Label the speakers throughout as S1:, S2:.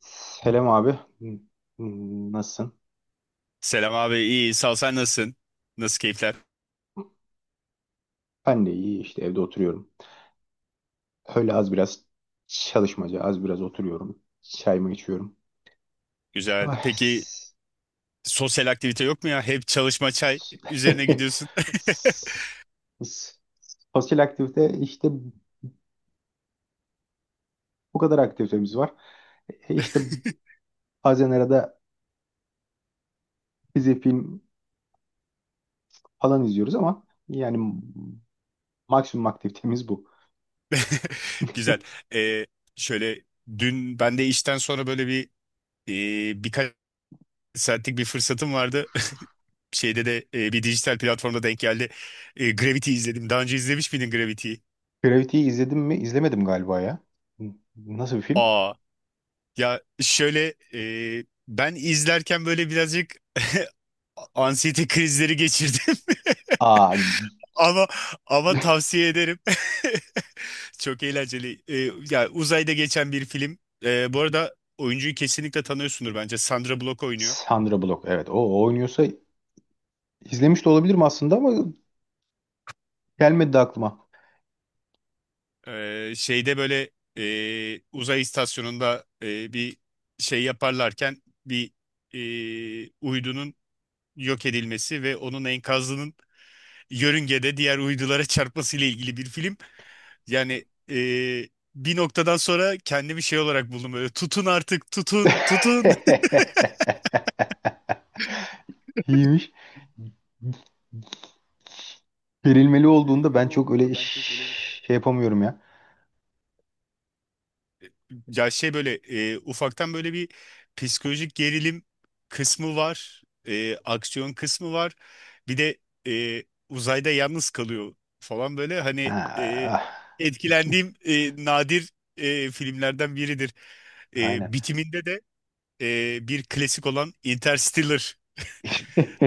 S1: Selam abi. Nasılsın?
S2: Selam abi, iyi sağ ol, sen nasılsın? Nasıl keyifler?
S1: Ben de iyi işte evde oturuyorum. Öyle az biraz çalışmaca, az biraz oturuyorum. Çayımı içiyorum.
S2: Güzel.
S1: Ah,
S2: Peki
S1: s-
S2: sosyal aktivite yok mu ya? Hep çalışma çay
S1: s-
S2: üzerine gidiyorsun.
S1: s- s- Sosyal aktivite işte bu kadar aktivitemiz var. İşte bazen arada dizi film falan izliyoruz ama yani maksimum aktivitemiz bu.
S2: Güzel. Ee, Şöyle dün ben de işten sonra böyle bir birkaç saatlik bir fırsatım vardı. Şeyde de bir dijital platformda denk geldi. E, Gravity izledim. Daha önce izlemiş miydin Gravity'yi?
S1: Gravity'yi izledim mi? İzlemedim galiba ya. Nasıl bir film?
S2: Aa, ya şöyle ben izlerken böyle birazcık anksiyete krizleri geçirdim.
S1: Aa,
S2: Ama tavsiye ederim. Çok eğlenceli. Ya uzayda geçen bir film. Bu arada oyuncuyu kesinlikle tanıyorsundur bence. Sandra Bullock oynuyor.
S1: Sandra Bullock, evet, o oynuyorsa izlemiş de olabilirim aslında ama gelmedi de aklıma.
S2: Şeyde böyle uzay istasyonunda bir şey yaparlarken bir uydunun yok edilmesi ve onun enkazının yörüngede diğer uydulara çarpmasıyla ilgili bir film. Yani e, bir noktadan sonra kendimi şey olarak buldum böyle, tutun artık, tutun tutun.
S1: İyiymiş. Gerilmeli olduğunda ben çok öyle şey yapamıyorum ya.
S2: Ya şey böyle ufaktan böyle bir psikolojik gerilim kısmı var, aksiyon kısmı var. Bir de e, uzayda yalnız kalıyor falan, böyle
S1: Ha,
S2: hani
S1: ah.
S2: etkilendiğim nadir filmlerden biridir.
S1: Aynen.
S2: Bitiminde de bir klasik olan Interstellar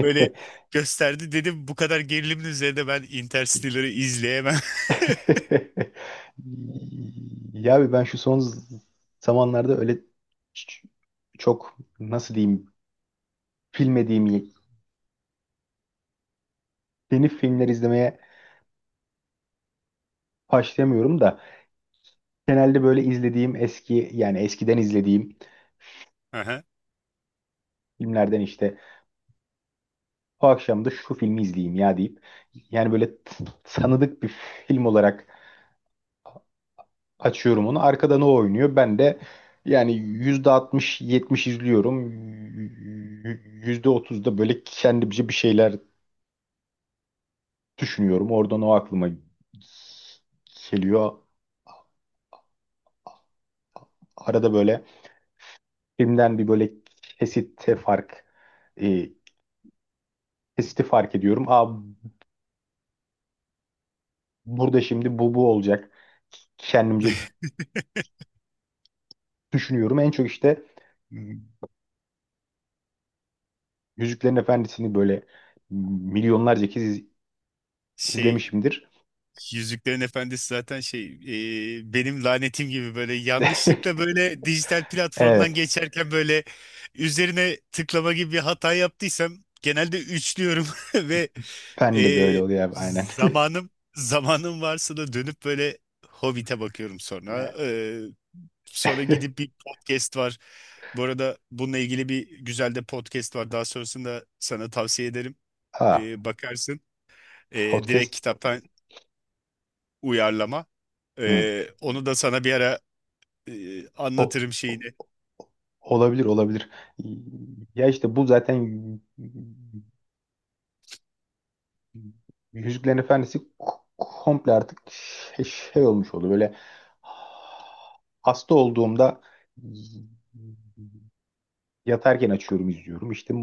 S2: böyle gösterdi, dedim bu kadar gerilimin üzerinde ben Interstellar'ı izleyemem.
S1: Ya abi ben şu son zamanlarda öyle ç- çok nasıl diyeyim bilmediğim yeni filmler izlemeye başlayamıyorum da. Genelde böyle izlediğim eski yani eskiden izlediğim
S2: Aha.
S1: filmlerden işte o akşam da şu filmi izleyeyim ya deyip yani böyle tanıdık bir film olarak açıyorum onu. Arkada ne oynuyor? Ben de yani yüzde altmış 70 izliyorum. Yüzde otuz da böyle kendimce bir şeyler düşünüyorum. Oradan o aklıma geliyor. Arada böyle filmden bir böyle kesite fark e, kesiti fark ediyorum. Aa, burada şimdi bu olacak. Kendimce düşünüyorum. En çok işte Yüzüklerin Efendisi'ni böyle milyonlarca kez
S2: Şey,
S1: izlemişimdir.
S2: Yüzüklerin Efendisi zaten şey, benim lanetim gibi, böyle yanlışlıkla böyle dijital platformdan
S1: Evet.
S2: geçerken böyle üzerine tıklama gibi bir hata yaptıysam genelde üçlüyorum ve e,
S1: Bende de öyle oluyor abi aynen.
S2: zamanım varsa da dönüp böyle Hobbit'e bakıyorum sonra. Sonra gidip bir podcast var. Bu arada bununla ilgili bir güzel de podcast var. Daha sonrasında sana tavsiye ederim.
S1: Ha,
S2: Bakarsın.
S1: podcast.
S2: Direkt kitaptan uyarlama.
S1: Hmm.
S2: Onu da sana bir ara
S1: O,
S2: anlatırım
S1: o-
S2: şeyini.
S1: olabilir, olabilir. Ya işte bu zaten Yüzüklerin Efendisi komple artık şey olmuş oldu. Böyle hasta olduğumda yatarken açıyorum, izliyorum. İşte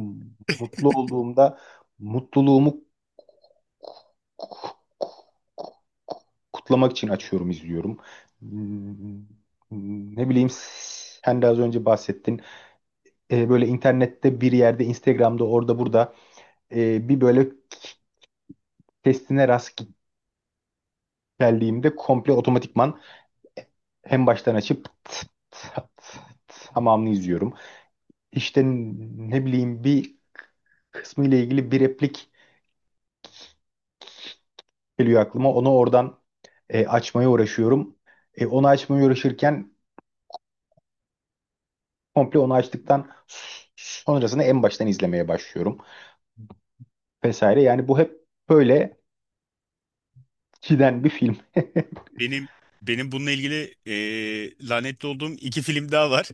S1: mutlu olduğumda mutluluğumu kutlamak için açıyorum, izliyorum. Hmm, Ne bileyim, sen de az önce bahsettin. Böyle internette bir yerde Instagram'da orada burada bir böyle testine rast geldiğimde komple otomatikman en baştan açıp tıt tıt tıt tamamını izliyorum. İşte ne bileyim bir kısmı ile ilgili bir replik geliyor aklıma. Onu oradan açmaya uğraşıyorum. Onu açmaya uğraşırken komple onu açtıktan sonrasını en baştan izlemeye başlıyorum vesaire. Yani bu hep böyle giden bir film.
S2: Benim benim bununla ilgili lanetli olduğum iki film daha var.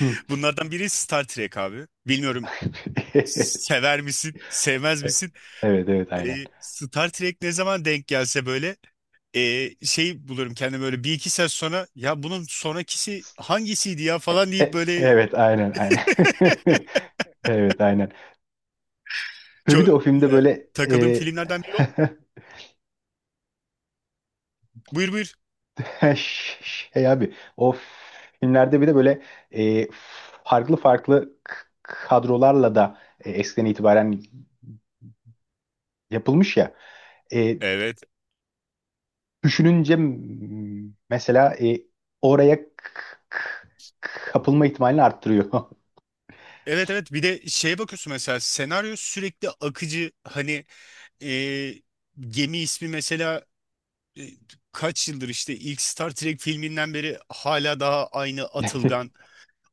S1: Hmm.
S2: Bunlardan biri Star Trek abi. Bilmiyorum, sever misin, sevmez misin?
S1: Evet, evet, aynen.
S2: Star Trek ne zaman denk gelse böyle şey bulurum kendime, böyle bir iki saat sonra ya bunun sonrakisi hangisiydi ya falan deyip böyle
S1: Evet, aynen, aynen. Evet, aynen. Ve bir de o filmde
S2: çö-
S1: böyle
S2: takıldığım filmlerden biri o. Buyur buyur.
S1: şey abi o filmlerde bir de böyle e, farklı farklı kadrolarla da eskiden itibaren yapılmış ya. E,
S2: Evet.
S1: düşününce mesela oraya k- kapılma ihtimalini arttırıyor.
S2: Evet evet, bir de şeye bakıyorsun mesela, senaryo sürekli akıcı, hani e, gemi ismi mesela e, kaç yıldır işte ilk Star Trek filminden beri hala daha aynı
S1: Hı
S2: atılgan.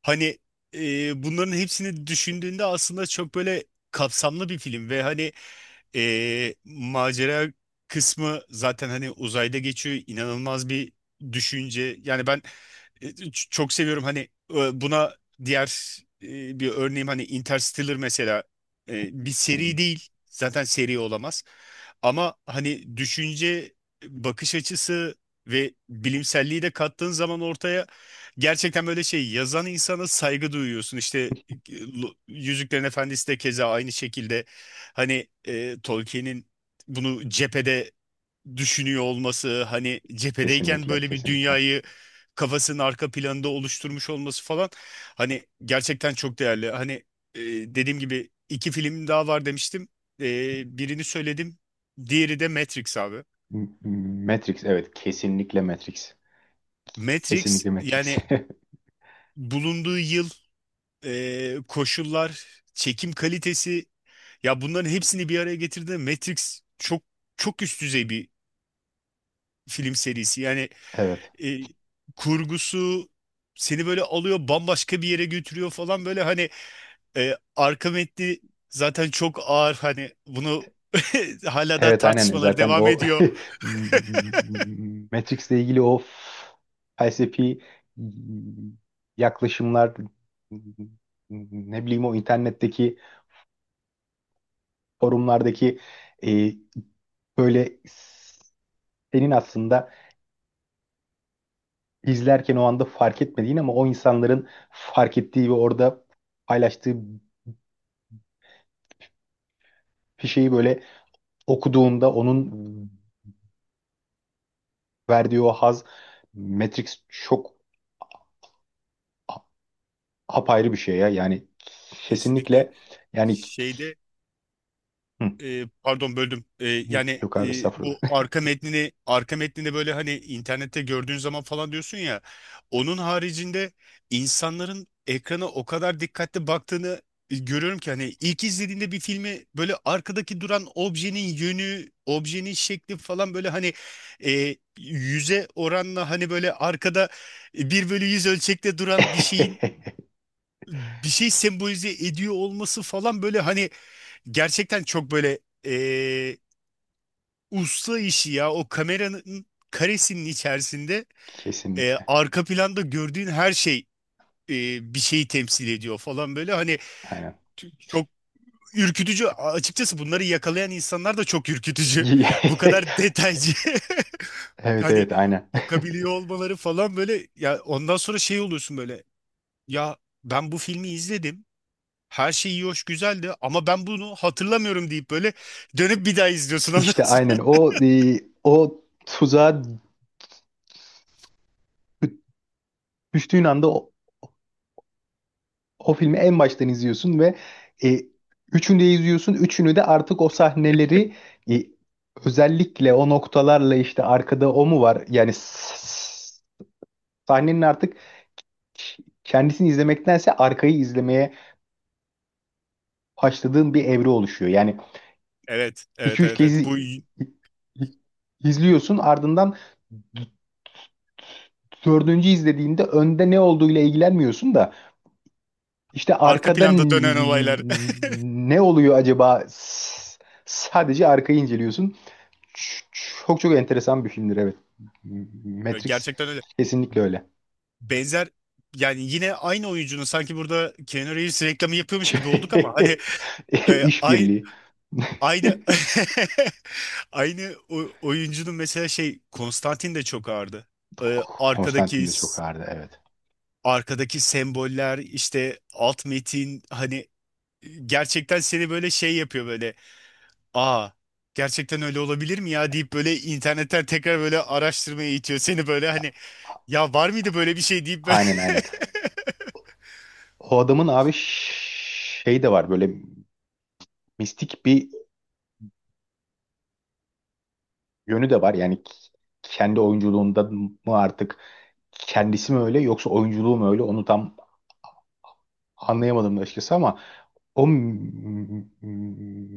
S2: Hani bunların hepsini düşündüğünde aslında çok böyle kapsamlı bir film ve hani macera kısmı zaten hani uzayda geçiyor, inanılmaz bir düşünce. Yani ben çok seviyorum hani. Buna diğer bir örneğim hani Interstellar mesela, bir
S1: hı.
S2: seri değil, zaten seri olamaz, ama hani düşünce, bakış açısı ve bilimselliği de kattığın zaman ortaya, gerçekten böyle şey, yazan insana saygı duyuyorsun. İşte e, Yüzüklerin Efendisi de keza aynı şekilde, hani Tolkien'in bunu cephede düşünüyor olması, hani cephedeyken
S1: Kesinlikle,
S2: böyle bir
S1: kesinlikle.
S2: dünyayı kafasının arka planında oluşturmuş olması falan, hani gerçekten çok değerli. Hani e, dediğim gibi iki film daha var demiştim. Birini söyledim, diğeri de Matrix abi.
S1: M- Matrix, evet, kesinlikle Matrix.
S2: Matrix
S1: Kesinlikle Matrix.
S2: yani, bulunduğu yıl, koşullar, çekim kalitesi, ya bunların hepsini bir araya getirdiğinde Matrix çok çok üst düzey bir film serisi. Yani
S1: Evet.
S2: e, kurgusu seni böyle alıyor, bambaşka bir yere götürüyor falan, böyle hani arka metni zaten çok ağır, hani bunu hala da
S1: Evet aynen
S2: tartışmaları
S1: zaten
S2: devam
S1: o.
S2: ediyor.
S1: Matrix'le ilgili o felsefi yaklaşımlar, ne bileyim, o internetteki forumlardaki e, böyle senin aslında izlerken o anda fark etmediğin ama o insanların fark ettiği ve orada paylaştığı bir şeyi böyle okuduğunda onun verdiği o haz, Matrix çok apayrı bir şey ya. Yani
S2: Kesinlikle
S1: kesinlikle, yani.
S2: şeyde,
S1: Hı,
S2: pardon böldüm. Yani
S1: yok abi, estağfurullah.
S2: bu arka metnini böyle hani internette gördüğün zaman falan diyorsun ya. Onun haricinde insanların ekrana o kadar dikkatli baktığını görüyorum ki hani, ilk izlediğinde bir filmi böyle arkadaki duran objenin yönü, objenin şekli falan böyle hani yüze oranla, hani böyle arkada bir bölü yüz ölçekte duran bir şeyin bir şey sembolize ediyor olması falan böyle, hani gerçekten çok böyle usta işi ya. O kameranın karesinin içerisinde
S1: Kesinlikle.
S2: arka planda gördüğün her şey e, bir şeyi temsil ediyor falan böyle. Hani
S1: Aynen.
S2: çok ürkütücü. Açıkçası bunları yakalayan insanlar da çok ürkütücü. Bu kadar detaycı.
S1: Evet,
S2: Hani
S1: evet, aynen.
S2: bakabiliyor olmaları falan böyle. Ya ondan sonra şey oluyorsun böyle. Ya ben bu filmi izledim. Her şey iyi hoş güzeldi ama ben bunu hatırlamıyorum deyip böyle dönüp bir daha izliyorsun ondan
S1: İşte aynen
S2: sonra.
S1: o tuzağa dü- düştüğün anda o filmi en baştan izliyorsun ve e, üçünü de izliyorsun. Üçünü de artık o sahneleri e, özellikle o noktalarla işte arkada o mu var? Yani sahnenin artık kendisini izlemektense arkayı izlemeye haşladığın bir evre oluşuyor. Yani
S2: Evet, evet,
S1: 2-3
S2: evet,
S1: kez
S2: evet. Bu
S1: i- izliyorsun, ardından d- dördüncü izlediğinde önde ne olduğuyla ilgilenmiyorsun da işte
S2: arka planda dönen olaylar.
S1: ne oluyor acaba, sadece arkayı inceliyorsun. Ç- Çok çok enteresan bir filmdir, evet. Matrix
S2: Gerçekten öyle.
S1: kesinlikle öyle.
S2: Benzer, yani yine aynı oyuncunun, sanki burada Keanu Reeves reklamı yapıyormuş gibi olduk ama hani e, ay-
S1: İşbirliği.
S2: aynı oyuncunun mesela şey Konstantin de çok ağırdı. E, arkadaki
S1: Konstantin de çok ağırdı, evet.
S2: arkadaki semboller, işte alt metin, hani gerçekten seni böyle şey yapıyor böyle, aa gerçekten öyle olabilir mi ya deyip böyle internetten tekrar böyle araştırmaya itiyor seni, böyle hani ya var mıydı böyle bir şey deyip böyle.
S1: Aynen, aynen. O adamın abi şey de var, böyle mistik bir yönü de var. Yani kendi oyunculuğunda mı artık, kendisi mi öyle yoksa oyunculuğu mu öyle, onu tam anlayamadım da açıkçası ama o m- m-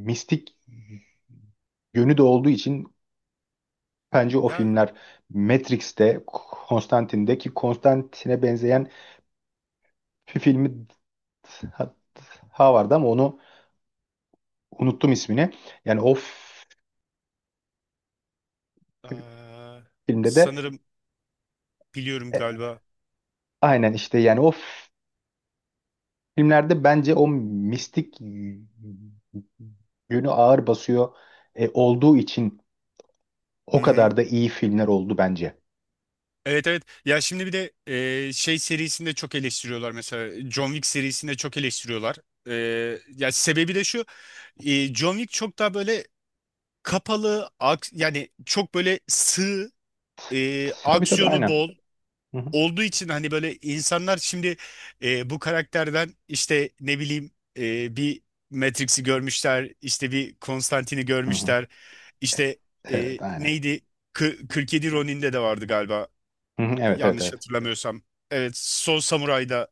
S1: mistik yönü de olduğu için bence o
S2: Ya
S1: filmler, Matrix'te, Konstantine'de ki Konstantine'e benzeyen bir filmi daha vardı ama onu unuttum ismini. Yani
S2: eee,
S1: filmde de
S2: sanırım biliyorum
S1: e,
S2: galiba.
S1: aynen işte, yani o filmlerde bence o mistik yönü ağır basıyor olduğu için o
S2: Hı hı.
S1: kadar da iyi filmler oldu bence.
S2: Evet evet. Ya şimdi bir de şey serisinde çok eleştiriyorlar mesela. John Wick serisinde çok eleştiriyorlar. Ya sebebi de şu. John Wick çok daha böyle kapalı, yani çok böyle sığ,
S1: Tabii, tabii,
S2: aksiyonu
S1: aynen.
S2: bol
S1: Hı hı.
S2: olduğu için, hani böyle insanlar şimdi bu karakterden işte, ne bileyim, bir Matrix'i görmüşler, işte bir Konstantine'i
S1: Hı hı.
S2: görmüşler,
S1: E,
S2: işte
S1: evet, aynen.
S2: neydi, 47 Ronin'de de vardı galiba,
S1: Hı hı, evet, evet,
S2: yanlış
S1: evet.
S2: hatırlamıyorsam. Evet, Son Samuray'da,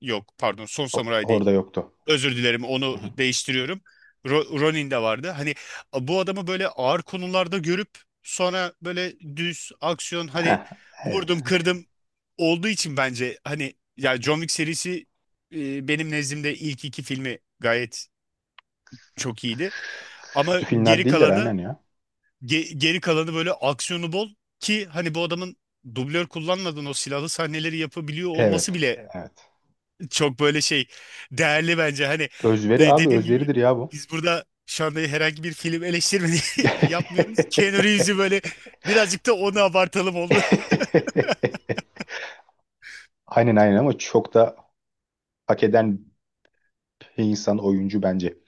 S2: yok pardon Son
S1: O-
S2: Samuray'da.
S1: orada yoktu.
S2: Özür dilerim,
S1: Hı
S2: onu
S1: hı.
S2: değiştiriyorum. Ronin de vardı. Hani bu adamı böyle ağır konularda görüp sonra böyle düz aksiyon, hani
S1: Heh, evet.
S2: vurdum kırdım olduğu için, bence hani ya John Wick serisi benim nezdimde ilk iki filmi gayet çok iyiydi. Ama
S1: Kötü filmler
S2: geri
S1: değiller,
S2: kalanı,
S1: aynen ya.
S2: geri kalanı böyle aksiyonu bol, ki hani bu adamın dublör kullanmadan o silahlı sahneleri yapabiliyor olması
S1: Evet.
S2: bile
S1: Evet.
S2: çok böyle şey, değerli bence. Hani
S1: Özveri abi,
S2: dediğim gibi
S1: özveridir ya bu.
S2: biz burada şu anda herhangi bir film eleştirmeni yapmıyoruz. Keanu Reeves'i böyle birazcık da onu abartalım oldu.
S1: Aynen, aynen ama çok da hak eden bir insan, oyuncu bence.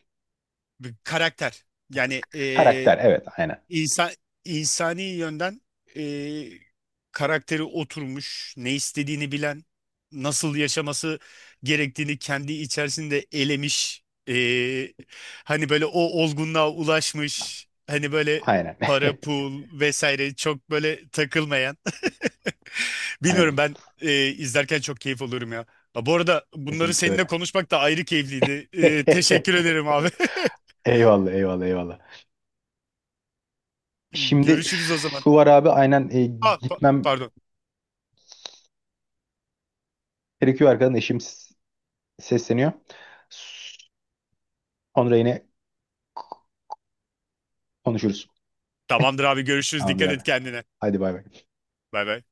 S2: Bir karakter. Yani
S1: Karakter, evet, aynen.
S2: İnsan, insani yönden e, karakteri oturmuş, ne istediğini bilen, nasıl yaşaması gerektiğini kendi içerisinde elemiş, e, hani böyle o olgunluğa ulaşmış, hani böyle
S1: Aynen.
S2: para, pul vesaire çok böyle takılmayan.
S1: Aynen.
S2: Bilmiyorum, ben izlerken çok keyif alıyorum ya. Ha, bu arada bunları
S1: Kesinlikle
S2: seninle
S1: öyle.
S2: konuşmak da ayrı keyifliydi. Teşekkür ederim abi.
S1: Eyvallah, eyvallah, eyvallah. Şimdi
S2: Görüşürüz o zaman.
S1: şu var abi, aynen,
S2: Ha,
S1: gitmem
S2: pardon.
S1: gerekiyor, arkadan eşim sesleniyor. Sonra yine konuşuruz.
S2: Tamamdır abi, görüşürüz.
S1: Tamamdır
S2: Dikkat et
S1: abi.
S2: kendine.
S1: Hadi bay bay.
S2: Bay bay.